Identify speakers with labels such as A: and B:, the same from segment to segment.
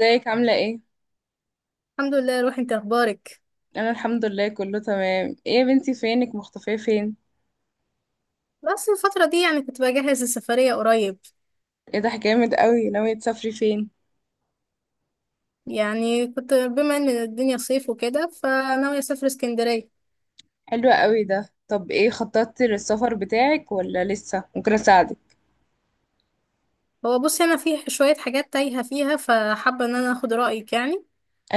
A: ازيك عاملة ايه؟
B: الحمد لله. روح انت اخبارك.
A: انا الحمد لله كله تمام. ايه يا بنتي فينك مختفية فين؟
B: بس الفترة دي كنت بجهز السفرية قريب.
A: ايه ده جامد قوي، ناوية تسافري فين؟
B: كنت بما ان الدنيا صيف وكده فناوية اسافر اسكندرية.
A: حلوة قوي ده طب ايه خططتي للسفر بتاعك ولا لسه؟ ممكن اساعدك.
B: هو بصي انا في شوية حاجات تايهة فيها، فحابة ان انا اخد رأيك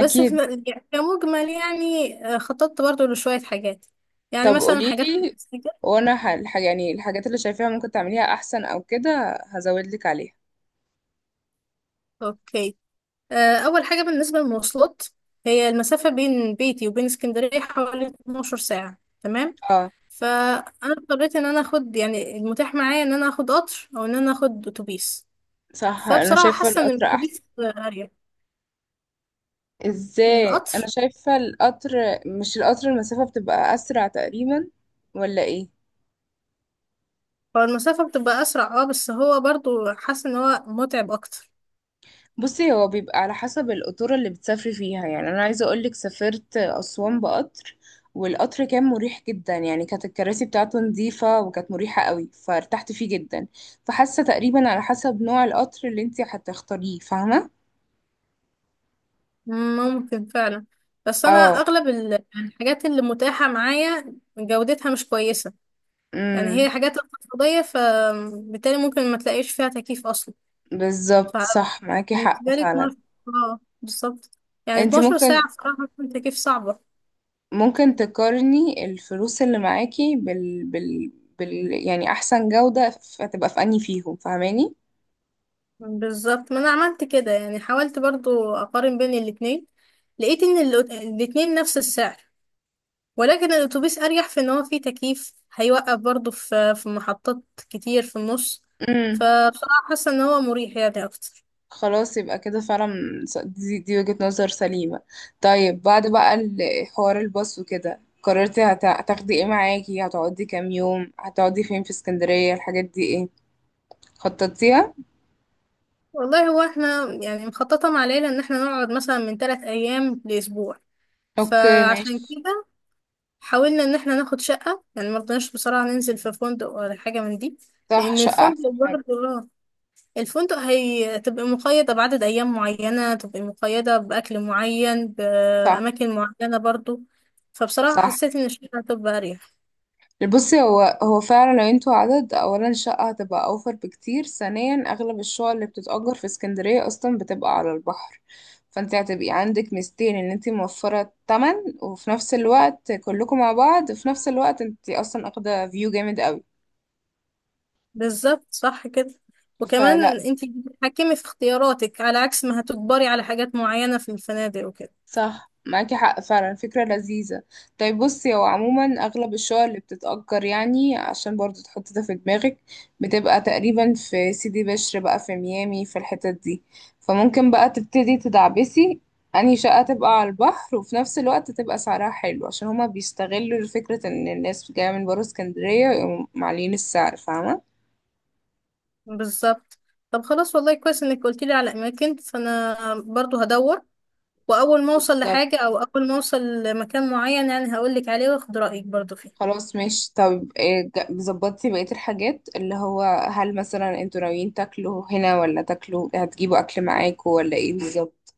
B: بس في يعني كمجمل، خططت برضو لشوية حاجات، يعني
A: طب
B: مثلا حاجات
A: قوليلي.
B: التسجيل.
A: وانا يعني الحاجات اللي شايفاها ممكن تعمليها احسن او كده هزودلك عليها.
B: اوكي. اول حاجة بالنسبة للمواصلات، هي المسافة بين بيتي وبين اسكندرية حوالي 12 ساعة. تمام.
A: اه،
B: فانا اضطريت ان انا اخد يعني المتاح معايا، ان انا اخد قطر او ان انا اخد اتوبيس.
A: صح، انا
B: فبصراحه
A: شايفة
B: حاسه ان
A: القطر
B: الاتوبيس
A: احسن.
B: اريح من
A: ازاي؟ انا
B: القطر.
A: شايفة القطر. مش القطر المسافة بتبقى اسرع تقريبا؟ ولا ايه؟
B: فالمسافه بتبقى اسرع، اه، بس هو برضو حاسه ان هو متعب اكتر.
A: بصي، هو بيبقى على حسب القطورة اللي بتسافري فيها. يعني أنا عايزة أقولك سافرت أسوان بقطر، والقطر كان مريح جدا، يعني كانت الكراسي بتاعته نظيفة وكانت مريحة قوي فارتحت فيه جدا. فحاسة تقريبا على حسب نوع القطر اللي انتي هتختاريه، فاهمة؟
B: ممكن فعلا. بس انا
A: اه.
B: اغلب الحاجات اللي متاحه معايا جودتها مش كويسه. يعني هي
A: امم
B: حاجات اقتصاديه، فبالتالي ممكن ما تلاقيش فيها تكييف اصلا.
A: بالظبط، صح، معاكي حق
B: فبالنسبه لي
A: فعلا.
B: 12، اه بالظبط، يعني
A: انتي
B: 12 ساعه
A: ممكن،
B: بصراحه تكييف صعبه.
A: ممكن تقارني الفلوس اللي معاكي بال بال، يعني أحسن جودة فتبقى في أنهي فيهم، فاهماني؟
B: بالظبط، ما انا عملت كده، يعني حاولت برضو اقارن بين الاتنين. لقيت ان الاتنين نفس السعر، ولكن الاتوبيس اريح في ان هو فيه تكييف، هيوقف برضو في محطات كتير في النص.
A: امم
B: فبصراحة حاسة ان هو مريح يعني اكتر.
A: خلاص، يبقى كده فعلا. دي وجهة نظر سليمة. طيب، بعد بقى حوار الباص وكده، قررتي هتاخدي ايه معاكي، هتقعدي كام يوم، هتقعدي فين في اسكندرية، الحاجات دي ايه خططتيها؟
B: والله هو احنا يعني مخططة مع العيلة ان احنا نقعد مثلا من ثلاث ايام لاسبوع.
A: اوكي
B: فعشان
A: ماشي.
B: كده حاولنا ان احنا ناخد شقة، يعني مرضناش بصراحة ننزل في فندق ولا حاجة من دي.
A: صح،
B: لان
A: شقة
B: الفندق
A: احسن حاجة.
B: برضو، الفندق هتبقى مقيدة بعدد أيام معينة، تبقى مقيدة بأكل معين
A: صح.
B: بأماكن معينة برضو. فبصراحة
A: صح،
B: حسيت إن الشقة هتبقى أريح.
A: بصي هو فعلا لو انتوا عدد، اولا الشقة هتبقى اوفر بكتير، ثانيا اغلب الشقق اللي بتتأجر في اسكندرية اصلا بتبقى على البحر، فانت هتبقي عندك ميزتين، ان انت موفرة التمن وفي نفس الوقت كلكم مع بعض، في نفس الوقت انت اصلا اخدة فيو جامد قوي.
B: بالظبط صح كده. وكمان
A: فلا،
B: انتي بتتحكمي في اختياراتك، على عكس ما هتجبري على حاجات معينة في الفنادق وكده.
A: صح، معاكي حق فعلا، فكرة لذيذة. طيب بصي، هو عموما أغلب الشقق اللي بتتأجر، يعني عشان برضو تحطي ده في دماغك، بتبقى تقريبا في سيدي بشر بقى، في ميامي، في الحتت دي. فممكن بقى تبتدي تدعبسي أنهي شقة تبقى على البحر وفي نفس الوقت تبقى سعرها حلو، عشان هما بيستغلوا فكرة إن الناس جاية من برا اسكندرية ويقوموا معلين السعر، فاهمة؟
B: بالظبط. طب خلاص، والله كويس انك قلتيلي على أماكن، فأنا برضو هدور. وأول ما أوصل
A: بالظبط.
B: لحاجة، أو أول ما أوصل لمكان معين، يعني هقولك عليه وأخد رأيك برضو فيه.
A: خلاص ماشي. طب ظبطتي بقية الحاجات اللي هو، هل مثلا انتوا ناويين تاكلوا هنا ولا تاكلوا هتجيبوا اكل معاكوا ولا ايه بالظبط؟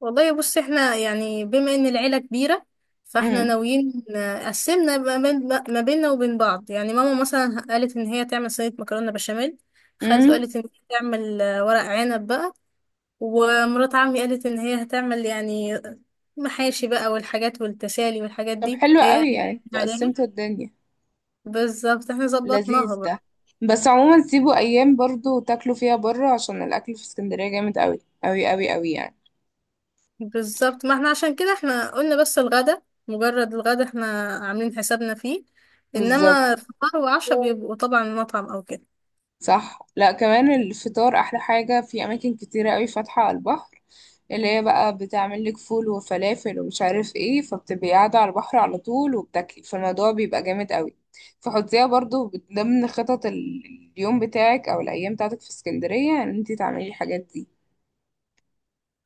B: والله بص، احنا يعني بما ان العيلة كبيرة، فاحنا
A: امم
B: ناويين، قسمنا ما بين، ما بيننا وبين بعض. يعني ماما مثلا قالت ان هي تعمل صينية مكرونة بشاميل، خالته
A: امم.
B: قالت ان هي تعمل ورق عنب بقى، ومرات عمي قالت ان هي هتعمل يعني محاشي بقى، والحاجات والتسالي والحاجات
A: طب
B: دي
A: حلو
B: هي
A: قوي،
B: قالت
A: يعني
B: عليها.
A: قسمتوا الدنيا.
B: بالظبط، احنا ظبطناها.
A: لذيذ ده. بس عموما سيبوا ايام برضو تاكلوا فيها بره، عشان الاكل في اسكندرية جامد قوي قوي قوي قوي يعني.
B: بالظبط، ما احنا عشان كده احنا قلنا بس الغدا، مجرد الغدا احنا عاملين حسابنا فيه.
A: بالظبط.
B: انما فطار وعشاء بيبقوا طبعا مطعم او كده.
A: صح، لا كمان الفطار احلى حاجة، في اماكن كتيرة قوي فاتحة على البحر، اللي هي بقى بتعمل لك فول وفلافل ومش عارف ايه، فبتبقي قاعدة على البحر على طول وبتاكلي، فالموضوع بيبقى جامد قوي. فحطيها برضو ضمن خطط اليوم بتاعك او الايام بتاعتك في اسكندرية ان انتي تعملي الحاجات دي.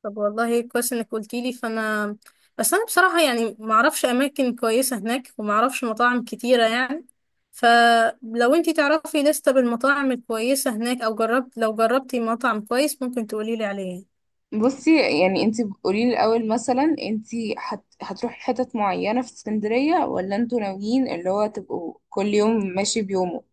B: طب والله كويس انك قلتيلي، فانا بس انا بصراحة يعني معرفش اماكن كويسة هناك، ومعرفش مطاعم كتيرة يعني. فلو انتي تعرفي لستة بالمطاعم الكويسة هناك، او جربت، لو جربتي مطعم كويس ممكن تقوليلي عليه.
A: بصي، يعني انتي قولي لي الاول، مثلا انتي هتروحي حتت معينة في اسكندرية، ولا انتوا ناويين اللي هو تبقوا كل يوم ماشي بيومه؟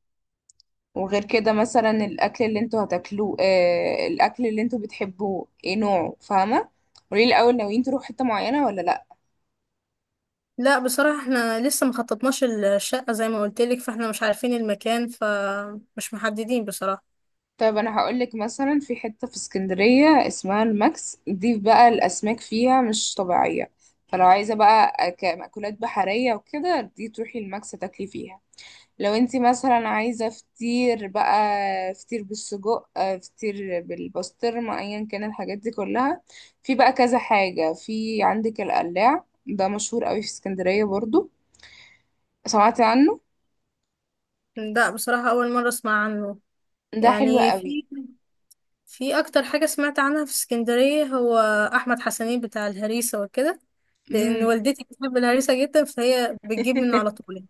A: وغير كده، مثلا الاكل اللي انتوا هتاكلوه، آه، الاكل اللي انتوا بتحبوه ايه نوعه، فاهمه. قولي لي الاول، ناويين تروحوا حته معينه ولا لا.
B: لا بصراحة، احنا لسه مخططناش الشقة زي ما قلتلك، فاحنا مش عارفين المكان، فمش محددين بصراحة.
A: طيب، انا هقول لك مثلا في حته في اسكندريه اسمها الماكس، دي بقى الاسماك فيها مش طبيعيه. فلو عايزه بقى مأكولات بحريه وكده، دي تروحي الماكس تاكلي فيها. لو انتي مثلا عايزة فطير بقى، فطير بالسجق، فطير بالبسطرمة، ايا كان الحاجات دي كلها. في بقى كذا حاجة، في عندك القلاع ده، مشهور قوي في اسكندرية برضو، سمعتي عنه؟
B: لا بصراحة، أول مرة أسمع عنه.
A: ده حلو
B: يعني
A: قوي.
B: في في أكتر حاجة سمعت عنها في اسكندرية هو أحمد حسنين بتاع الهريسة وكده، لأن
A: امم
B: والدتي بتحب الهريسة جدا، فهي بتجيب منه على طول.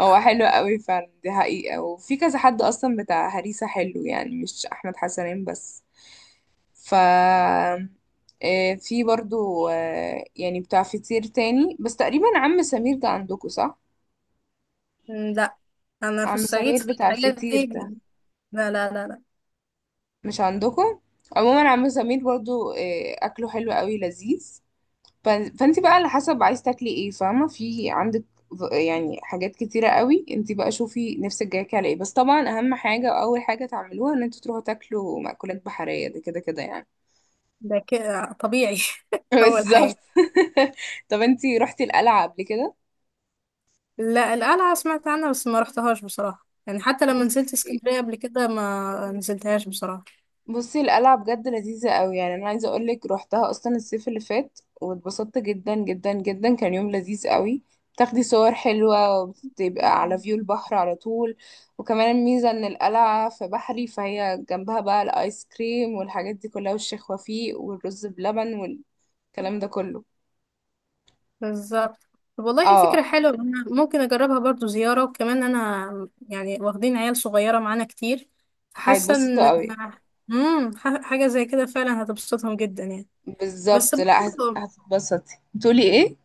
A: هو حلو قوي فعلا، دي حقيقة. وفي كذا حد اصلا بتاع هريسة حلو، يعني مش احمد حسنين بس. ف في برضو، يعني بتاع فطير تاني، بس تقريبا عم سمير ده عندكم صح؟
B: لا، أنا في
A: عم
B: الصعيد
A: سمير
B: في
A: بتاع
B: الحاجات دي.
A: الفطير ده،
B: لا لا لا لا.
A: مش عندكم؟ عموما عم سمير برضو اكله حلو قوي لذيذ. فانت بقى على حسب عايز تاكلي ايه، فاهمه. في عندك يعني حاجات كتيره قوي، انت بقى شوفي نفسك جايك على ايه. بس طبعا اهم حاجه واول حاجه تعملوها ان انتوا تروحوا تاكلوا مأكولات بحريه، ده كده كده يعني.
B: ده كده طبيعي. أول
A: بالظبط.
B: حاجة.
A: طب انت رحتي القلعه قبل كده؟
B: لا، القلعة سمعت عنها بس ما رحتهاش بصراحة، يعني حتى لما نزلت اسكندرية قبل كده ما نزلتهاش بصراحة.
A: بصي القلعة بجد لذيذة قوي، يعني انا عايزة اقولك روحتها اصلا الصيف اللي فات واتبسطت جدا جدا جدا، كان يوم لذيذ قوي. بتاخدي صور حلوة وبتبقى على فيو البحر على طول. وكمان الميزة ان القلعة في بحري، فهي جنبها بقى الايس كريم والحاجات دي كلها، والشيخ وفيق والرز بلبن والكلام ده كله.
B: بالظبط. طب والله فكرة
A: اه.
B: حلوة، أنا ممكن أجربها برضو زيارة. وكمان أنا يعني واخدين عيال صغيرة معانا كتير، فحاسة
A: هيتبسطوا
B: إن،
A: قوي.
B: حاجة زي كده فعلا هتبسطهم جدا يعني. بس
A: بالظبط، لا
B: برضو
A: هتتبسطي، بتقولي ايه؟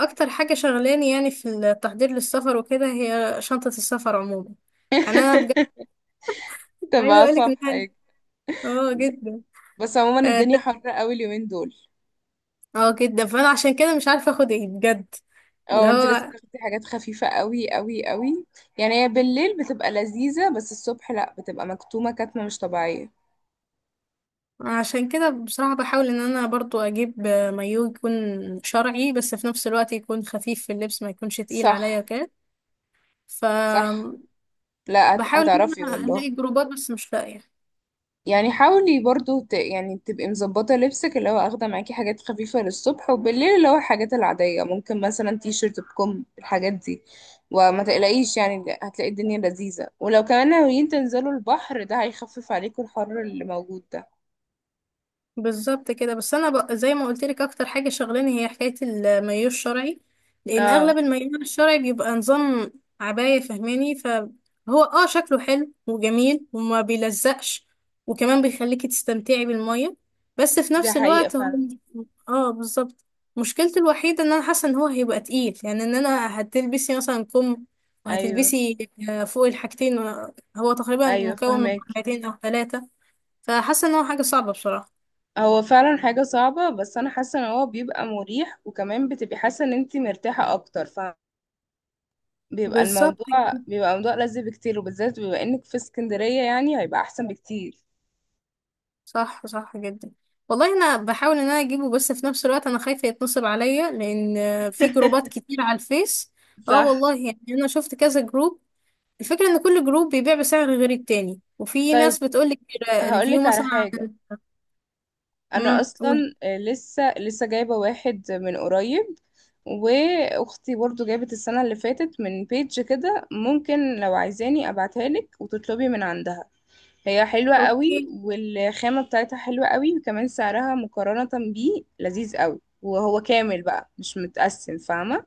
B: أكتر حاجة شغلاني يعني في التحضير للسفر وكده هي شنطة السفر عموما. يعني أنا بجد عايزة
A: تبقى
B: أقولك
A: اصعب
B: إن
A: حاجة.
B: اه جدا.
A: بس عموما
B: اه،
A: الدنيا حر قوي اليومين دول.
B: جدا، فأنا عشان كده مش عارفة أخد إيه بجد. اللي
A: اه، انت لازم
B: هو
A: تاخدي حاجات خفيفة قوي قوي قوي، يعني هي بالليل بتبقى لذيذة، بس الصبح لا، بتبقى مكتومة كتمة مش طبيعية.
B: عشان كده بصراحة بحاول ان انا برضو اجيب مايو يكون شرعي، بس في نفس الوقت يكون خفيف في اللبس، ما يكونش تقيل عليا
A: صح.
B: كده. ف
A: صح، لا
B: بحاول ان
A: هتعرفي
B: انا
A: والله.
B: الاقي جروبات بس مش لاقية.
A: يعني حاولي برضو يعني تبقي مظبطة لبسك، اللي هو اخدة معاكي حاجات خفيفة للصبح، وبالليل اللي هو الحاجات العادية، ممكن مثلا تي شيرت بكم، الحاجات دي. وما تقلقيش، يعني هتلاقي الدنيا لذيذة، ولو كمان ناويين تنزلوا البحر ده هيخفف عليكم الحر اللي موجود ده.
B: بالظبط كده. بس انا زي ما قلت لك اكتر حاجه شغلاني هي حكايه المايو الشرعي، لان
A: اه.
B: اغلب المايو الشرعي بيبقى نظام عبايه فهماني. فهو اه شكله حلو وجميل وما بيلزقش، وكمان بيخليكي تستمتعي بالميه، بس في
A: دي
B: نفس
A: حقيقة
B: الوقت هو،
A: فعلا.
B: اه بالظبط، مشكلته الوحيده ان انا حاسه ان هو هيبقى تقيل، يعني ان انا هتلبسي مثلا كم،
A: ايوه.
B: وهتلبسي فوق الحاجتين. هو تقريبا
A: ايوه
B: مكون من
A: فهمك.
B: حاجتين او ثلاثه، فحاسه ان هو حاجه صعبه بصراحه.
A: هو فعلا حاجة صعبة، بس انا حاسة ان هو بيبقى مريح، وكمان بتبقي حاسة ان انت مرتاحة اكتر. فبيبقى
B: بالظبط.
A: الموضوع، بيبقى موضوع لذيذ بكتير، وبالذات بما انك في اسكندرية يعني هيبقى احسن بكتير.
B: صح صح جدا. والله انا بحاول ان انا اجيبه، بس في نفس الوقت انا خايفه يتنصب عليا، لان في جروبات كتير على الفيس. اه
A: صح.
B: والله، يعني انا شفت كذا جروب. الفكره ان كل جروب بيبيع بسعر غير التاني، وفي
A: طيب
B: ناس بتقول لك ريفيو
A: هقولك على
B: مثلا
A: حاجة.
B: عن،
A: انا اصلا
B: قولي.
A: لسه جايبة واحد من قريب، واختي برضو جابت السنة اللي فاتت من بيج كده، ممكن لو عايزاني ابعتها لك وتطلبي من عندها. هي حلوة
B: اوكي.
A: قوي، والخامة بتاعتها حلوة قوي، وكمان سعرها مقارنة بيه لذيذ قوي، وهو كامل بقى مش متقسم، فاهمة.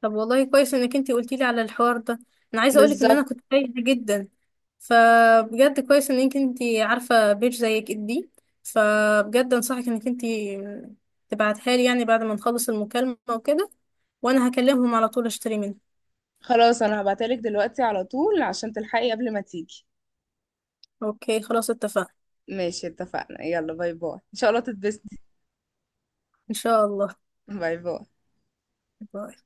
B: طب والله كويس انك انتي قلتي لي على الحوار ده، انا عايزه اقولك ان انا
A: بالظبط.
B: كنت تايهه جدا. فبجد كويس انك انتي عارفه بيج زي دي، فبجد انصحك انك انتي تبعتها لي يعني بعد ما نخلص المكالمه وكده، وانا هكلمهم على طول اشتري منها.
A: خلاص انا هبعتلك دلوقتي على طول عشان تلحقي قبل ما تيجي.
B: اوكي خلاص اتفقنا.
A: ماشي اتفقنا، يلا باي باي، ان شاء الله تتبسطي.
B: ان شاء الله.
A: باي باي.
B: باي.